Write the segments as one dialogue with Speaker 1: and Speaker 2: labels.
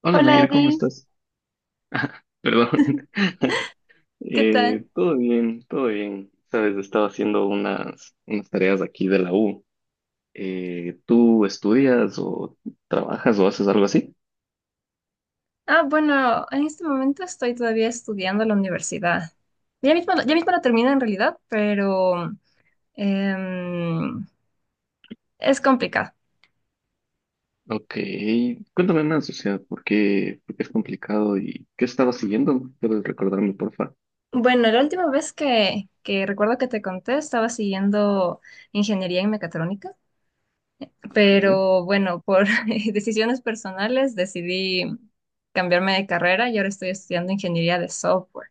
Speaker 1: Hola
Speaker 2: Hola
Speaker 1: Nair, ¿cómo
Speaker 2: Eddie,
Speaker 1: estás? Perdón.
Speaker 2: ¿qué tal?
Speaker 1: Todo bien, todo bien. Sabes, estaba haciendo unas tareas aquí de la U. ¿Tú estudias o trabajas o haces algo así?
Speaker 2: Ah, bueno, en este momento estoy todavía estudiando en la universidad. Ya mismo la termino en realidad, pero em, es complicado.
Speaker 1: Ok, cuéntame más, o sea, ¿por qué es complicado y qué estaba siguiendo? ¿Puedes recordarme, porfa?
Speaker 2: Bueno, la última vez que recuerdo que te conté estaba siguiendo ingeniería en mecatrónica,
Speaker 1: Ok.
Speaker 2: pero bueno, por decisiones personales decidí cambiarme de carrera y ahora estoy estudiando ingeniería de software.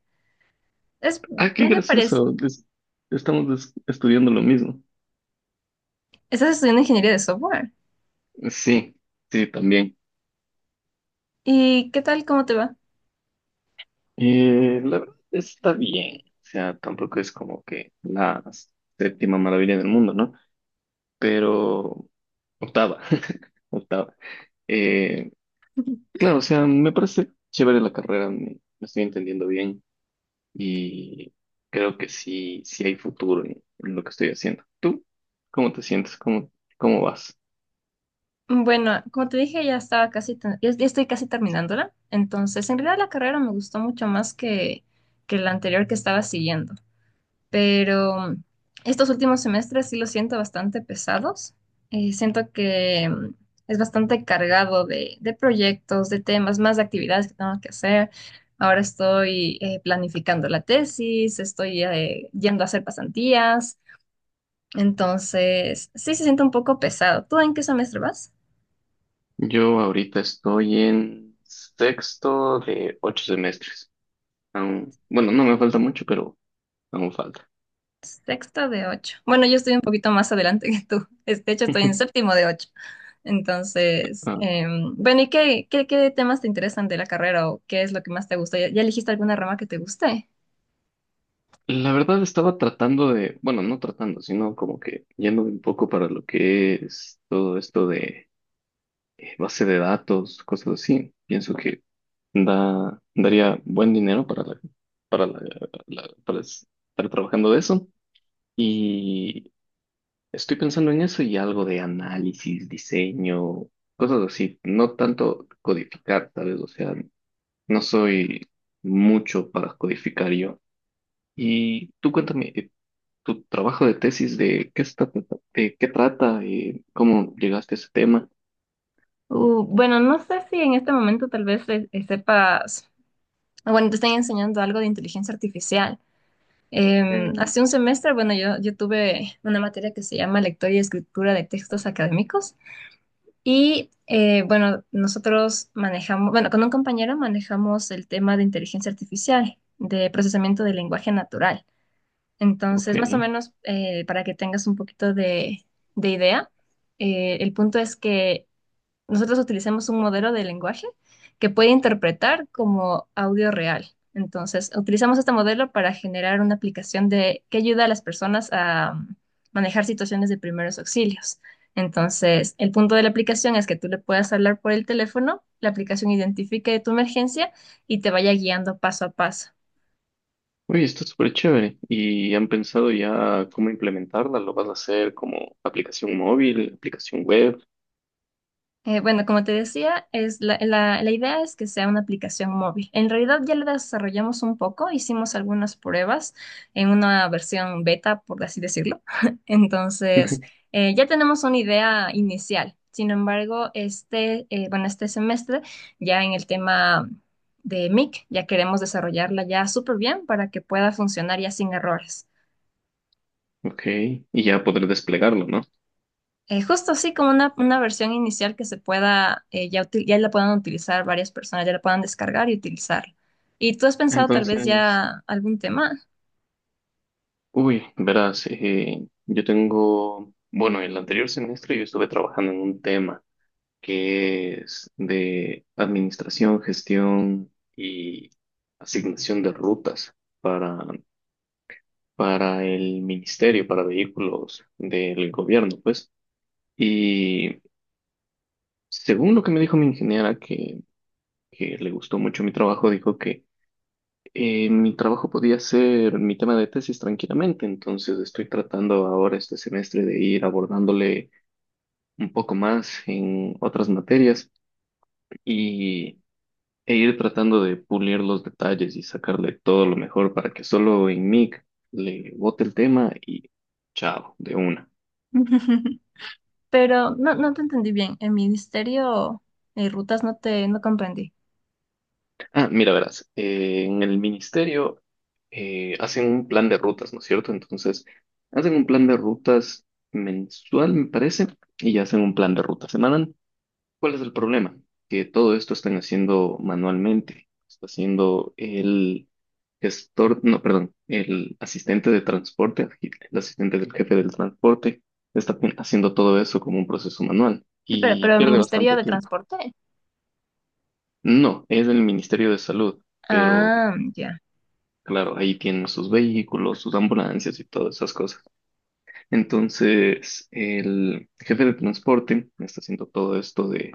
Speaker 2: Es
Speaker 1: Ah, qué
Speaker 2: medio parece,
Speaker 1: gracioso. Estamos estudiando lo mismo.
Speaker 2: ¿estás estudiando ingeniería de software?
Speaker 1: Sí, sí, también.
Speaker 2: ¿Y qué tal? ¿Cómo te va?
Speaker 1: La verdad está bien, o sea, tampoco es como que la séptima maravilla del mundo, ¿no? Pero octava, octava. Eh, claro, o sea, me parece chévere la carrera, me estoy entendiendo bien y creo que sí, sí hay futuro en lo que estoy haciendo. ¿Tú cómo te sientes? ¿Cómo vas?
Speaker 2: Bueno, como te dije, ya estaba ya estoy casi terminándola. Entonces, en realidad la carrera me gustó mucho más que la anterior que estaba siguiendo. Pero estos últimos semestres sí los siento bastante pesados. Siento que es bastante cargado de proyectos, de temas, más de actividades que tengo que hacer. Ahora estoy planificando la tesis, estoy yendo a hacer pasantías. Entonces, sí se siente un poco pesado. ¿Tú en qué semestre vas?
Speaker 1: Yo ahorita estoy en sexto de ocho semestres. Aún, bueno, no me falta mucho, pero aún falta.
Speaker 2: Sexto de ocho. Bueno, yo estoy un poquito más adelante que tú. De hecho, estoy en séptimo de ocho. Entonces,
Speaker 1: Ah,
Speaker 2: bueno, ¿y qué temas te interesan de la carrera o qué es lo que más te gusta? ¿Ya elegiste alguna rama que te guste?
Speaker 1: la verdad estaba tratando de, bueno, no tratando, sino como que yéndome un poco para lo que es todo esto de base de datos, cosas así. Pienso que daría buen dinero para la- para estar trabajando de eso. Y estoy pensando en eso y algo de análisis, diseño, cosas así. No tanto codificar, ¿sabes? O sea, no soy mucho para codificar yo. Y tú cuéntame tu trabajo de tesis, de qué trata y cómo llegaste a ese tema.
Speaker 2: Bueno, no sé si en este momento tal vez sepas, bueno, te están enseñando algo de inteligencia artificial.
Speaker 1: Mm,
Speaker 2: Hace un semestre, bueno, yo tuve una materia que se llama lectura y escritura de textos académicos. Y bueno, nosotros manejamos, bueno, con un compañero manejamos el tema de inteligencia artificial, de procesamiento del lenguaje natural.
Speaker 1: ok.
Speaker 2: Entonces, más o menos, para que tengas un poquito de idea, el punto es que nosotros utilizamos un modelo de lenguaje que puede interpretar como audio real. Entonces, utilizamos este modelo para generar una aplicación de, que ayuda a las personas a manejar situaciones de primeros auxilios. Entonces, el punto de la aplicación es que tú le puedas hablar por el teléfono, la aplicación identifique tu emergencia y te vaya guiando paso a paso.
Speaker 1: Oye, está súper chévere. ¿Y han pensado ya cómo implementarla? ¿Lo vas a hacer como aplicación móvil, aplicación web?
Speaker 2: Bueno, como te decía, es la idea es que sea una aplicación móvil. En realidad ya la desarrollamos un poco, hicimos algunas pruebas en una versión beta, por así decirlo. Entonces, ya tenemos una idea inicial. Sin embargo, este, bueno, este semestre, ya en el tema de MIC, ya queremos desarrollarla ya súper bien para que pueda funcionar ya sin errores.
Speaker 1: Ok, y ya poder desplegarlo, ¿no?
Speaker 2: Justo así como una versión inicial que se pueda, ya la puedan utilizar varias personas, ya la puedan descargar y utilizar. ¿Y tú has pensado tal vez
Speaker 1: Entonces,
Speaker 2: ya algún tema?
Speaker 1: uy, verás, yo tengo, bueno, el anterior semestre yo estuve trabajando en un tema que es de administración, gestión y asignación de rutas para, para el ministerio, para vehículos del gobierno, pues. Y según lo que me dijo mi ingeniera, que le gustó mucho mi trabajo, dijo que mi trabajo podía ser mi tema de tesis tranquilamente, entonces estoy tratando ahora este semestre de ir abordándole un poco más en otras materias y e ir tratando de pulir los detalles y sacarle todo lo mejor para que solo en Mic le bote el tema y chao, de una.
Speaker 2: Pero no, no te entendí bien. El ministerio de rutas no comprendí.
Speaker 1: Ah, mira, verás, en el ministerio hacen un plan de rutas, ¿no es cierto? Entonces, hacen un plan de rutas mensual, me parece, y hacen un plan de ruta semanal. ¿Cuál es el problema? Que todo esto están haciendo manualmente. Está haciendo el gestor, no, perdón, el asistente de transporte, el asistente del jefe del transporte, está haciendo todo eso como un proceso manual
Speaker 2: Espera,
Speaker 1: y
Speaker 2: pero el
Speaker 1: pierde
Speaker 2: ministerio
Speaker 1: bastante
Speaker 2: de
Speaker 1: tiempo.
Speaker 2: transporte.
Speaker 1: No, es el Ministerio de Salud, pero
Speaker 2: Ah, ya.
Speaker 1: claro, ahí tienen sus vehículos, sus ambulancias y todas esas cosas. Entonces, el jefe de transporte está haciendo todo esto de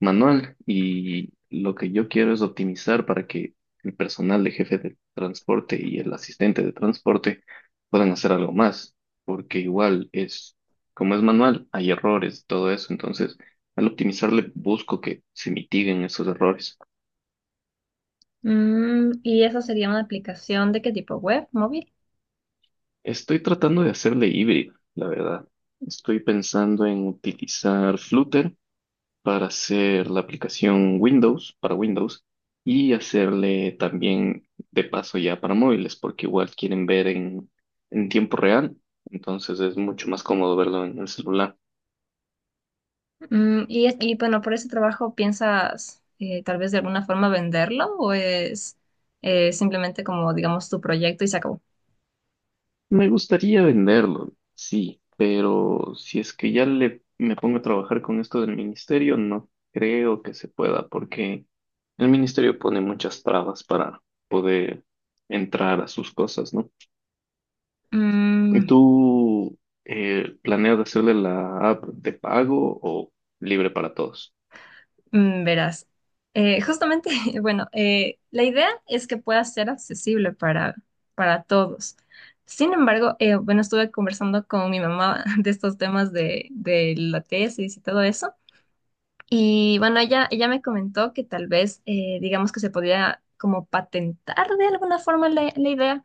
Speaker 1: manual y lo que yo quiero es optimizar para que el personal de jefe de transporte y el asistente de transporte puedan hacer algo más, porque igual es, como es manual, hay errores, todo eso, entonces al optimizarle busco que se mitiguen esos errores.
Speaker 2: Mm, ¿y eso sería una aplicación de qué tipo? ¿Web? ¿Móvil?
Speaker 1: Estoy tratando de hacerle híbrido, la verdad. Estoy pensando en utilizar Flutter para hacer la aplicación Windows, para Windows, y hacerle también de paso ya para móviles, porque igual quieren ver en tiempo real, entonces es mucho más cómodo verlo en el celular.
Speaker 2: Mm, y, y bueno, por ese trabajo piensas tal vez de alguna forma venderlo o es simplemente como, digamos, tu proyecto y se acabó.
Speaker 1: Me gustaría venderlo, sí, pero si es que ya le, me pongo a trabajar con esto del ministerio, no creo que se pueda, porque el ministerio pone muchas trabas para poder entrar a sus cosas, ¿no? ¿Y
Speaker 2: Mm,
Speaker 1: tú planeas hacerle la app de pago o libre para todos?
Speaker 2: verás, eh, justamente, bueno, la idea es que pueda ser accesible para todos. Sin embargo, bueno, estuve conversando con mi mamá de estos temas de la tesis y todo eso. Y bueno, ella me comentó que tal vez, digamos que se podía como patentar de alguna forma la idea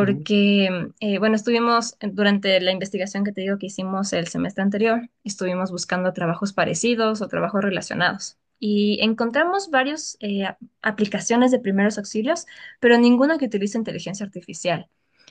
Speaker 1: Mm,
Speaker 2: bueno, estuvimos durante la investigación que te digo que hicimos el semestre anterior, estuvimos buscando trabajos parecidos o trabajos relacionados y encontramos varias aplicaciones de primeros auxilios, pero ninguna que utilice inteligencia artificial.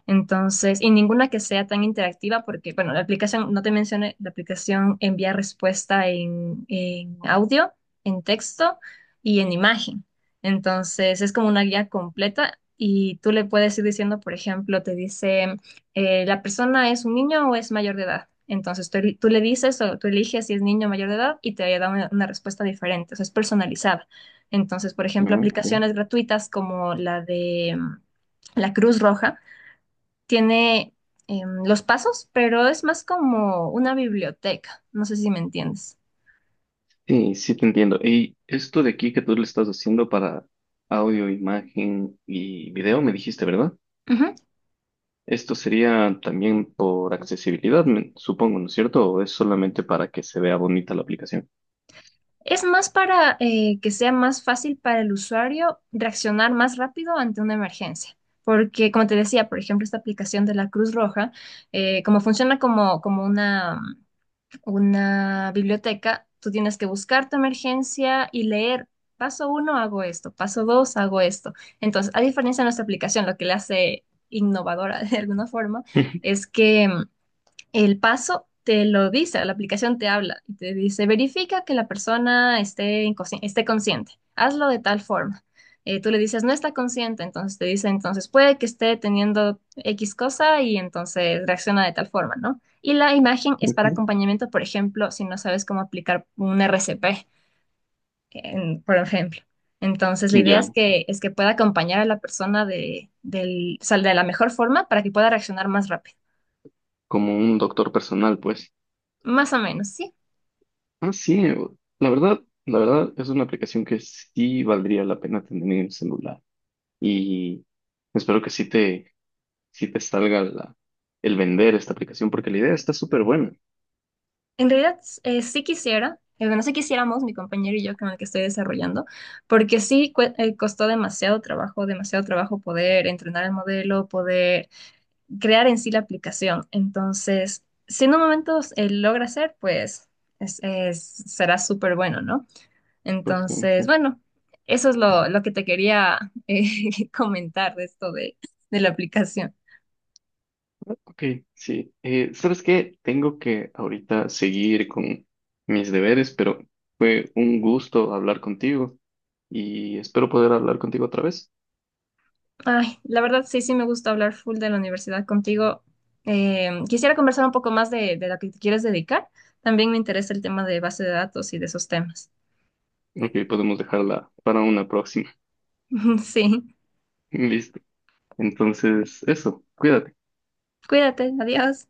Speaker 2: Entonces, y ninguna que sea tan interactiva, porque, bueno, la aplicación, no te mencioné, la aplicación envía respuesta en audio, en texto y en imagen. Entonces es como una guía completa y tú le puedes ir diciendo, por ejemplo, te dice, ¿la persona es un niño o es mayor de edad? Entonces tú le dices o tú eliges si es niño o mayor de edad y te da una respuesta diferente, o sea, es personalizada. Entonces, por ejemplo,
Speaker 1: mm, ok.
Speaker 2: aplicaciones gratuitas como la de mm, la Cruz Roja tiene los pasos, pero es más como una biblioteca, no sé si me entiendes.
Speaker 1: Sí, sí te entiendo. Y esto de aquí que tú le estás haciendo para audio, imagen y video, me dijiste, ¿verdad? Esto sería también por accesibilidad, supongo, ¿no es cierto? ¿O es solamente para que se vea bonita la aplicación?
Speaker 2: Es más para que sea más fácil para el usuario reaccionar más rápido ante una emergencia. Porque, como te decía, por ejemplo, esta aplicación de la Cruz Roja, como funciona como, como una biblioteca, tú tienes que buscar tu emergencia y leer, paso uno hago esto, paso dos hago esto. Entonces, a diferencia de nuestra aplicación, lo que le hace innovadora de alguna forma es que el paso te lo dice, la aplicación te habla y te dice, verifica que la persona esté, esté consciente, hazlo de tal forma. Tú le dices, no está consciente, entonces te dice, entonces puede que esté teniendo X cosa y entonces reacciona de tal forma, ¿no? Y la imagen es para
Speaker 1: Ujú.
Speaker 2: acompañamiento, por ejemplo, si no sabes cómo aplicar un RCP, por ejemplo. Entonces, la idea es
Speaker 1: Ya,
Speaker 2: es que pueda acompañar a la persona o sea, de la mejor forma para que pueda reaccionar más rápido.
Speaker 1: como un doctor personal, pues.
Speaker 2: Más o menos, sí.
Speaker 1: Ah, sí, la verdad, la verdad es una aplicación que sí valdría la pena tener en el celular y espero que sí te salga el vender esta aplicación porque la idea está súper buena.
Speaker 2: En realidad, sí quisiera, bueno, sí quisiéramos, mi compañero y yo con el que estoy desarrollando, porque sí costó demasiado trabajo poder entrenar el modelo, poder crear en sí la aplicación. Entonces, si en un momento logra hacer, pues será súper bueno, ¿no?
Speaker 1: Pues, que-
Speaker 2: Entonces, bueno, eso es lo que te quería comentar de esto de la aplicación.
Speaker 1: ok, sí. ¿Sabes qué? Tengo que ahorita seguir con mis deberes, pero fue un gusto hablar contigo y espero poder hablar contigo otra vez.
Speaker 2: Ay, la verdad sí, sí me gusta hablar full de la universidad contigo. Quisiera conversar un poco más de lo que te quieres dedicar. También me interesa el tema de base de datos y de esos temas.
Speaker 1: Ok, podemos dejarla para una próxima.
Speaker 2: Sí,
Speaker 1: Listo. Entonces, eso, cuídate.
Speaker 2: cuídate, adiós.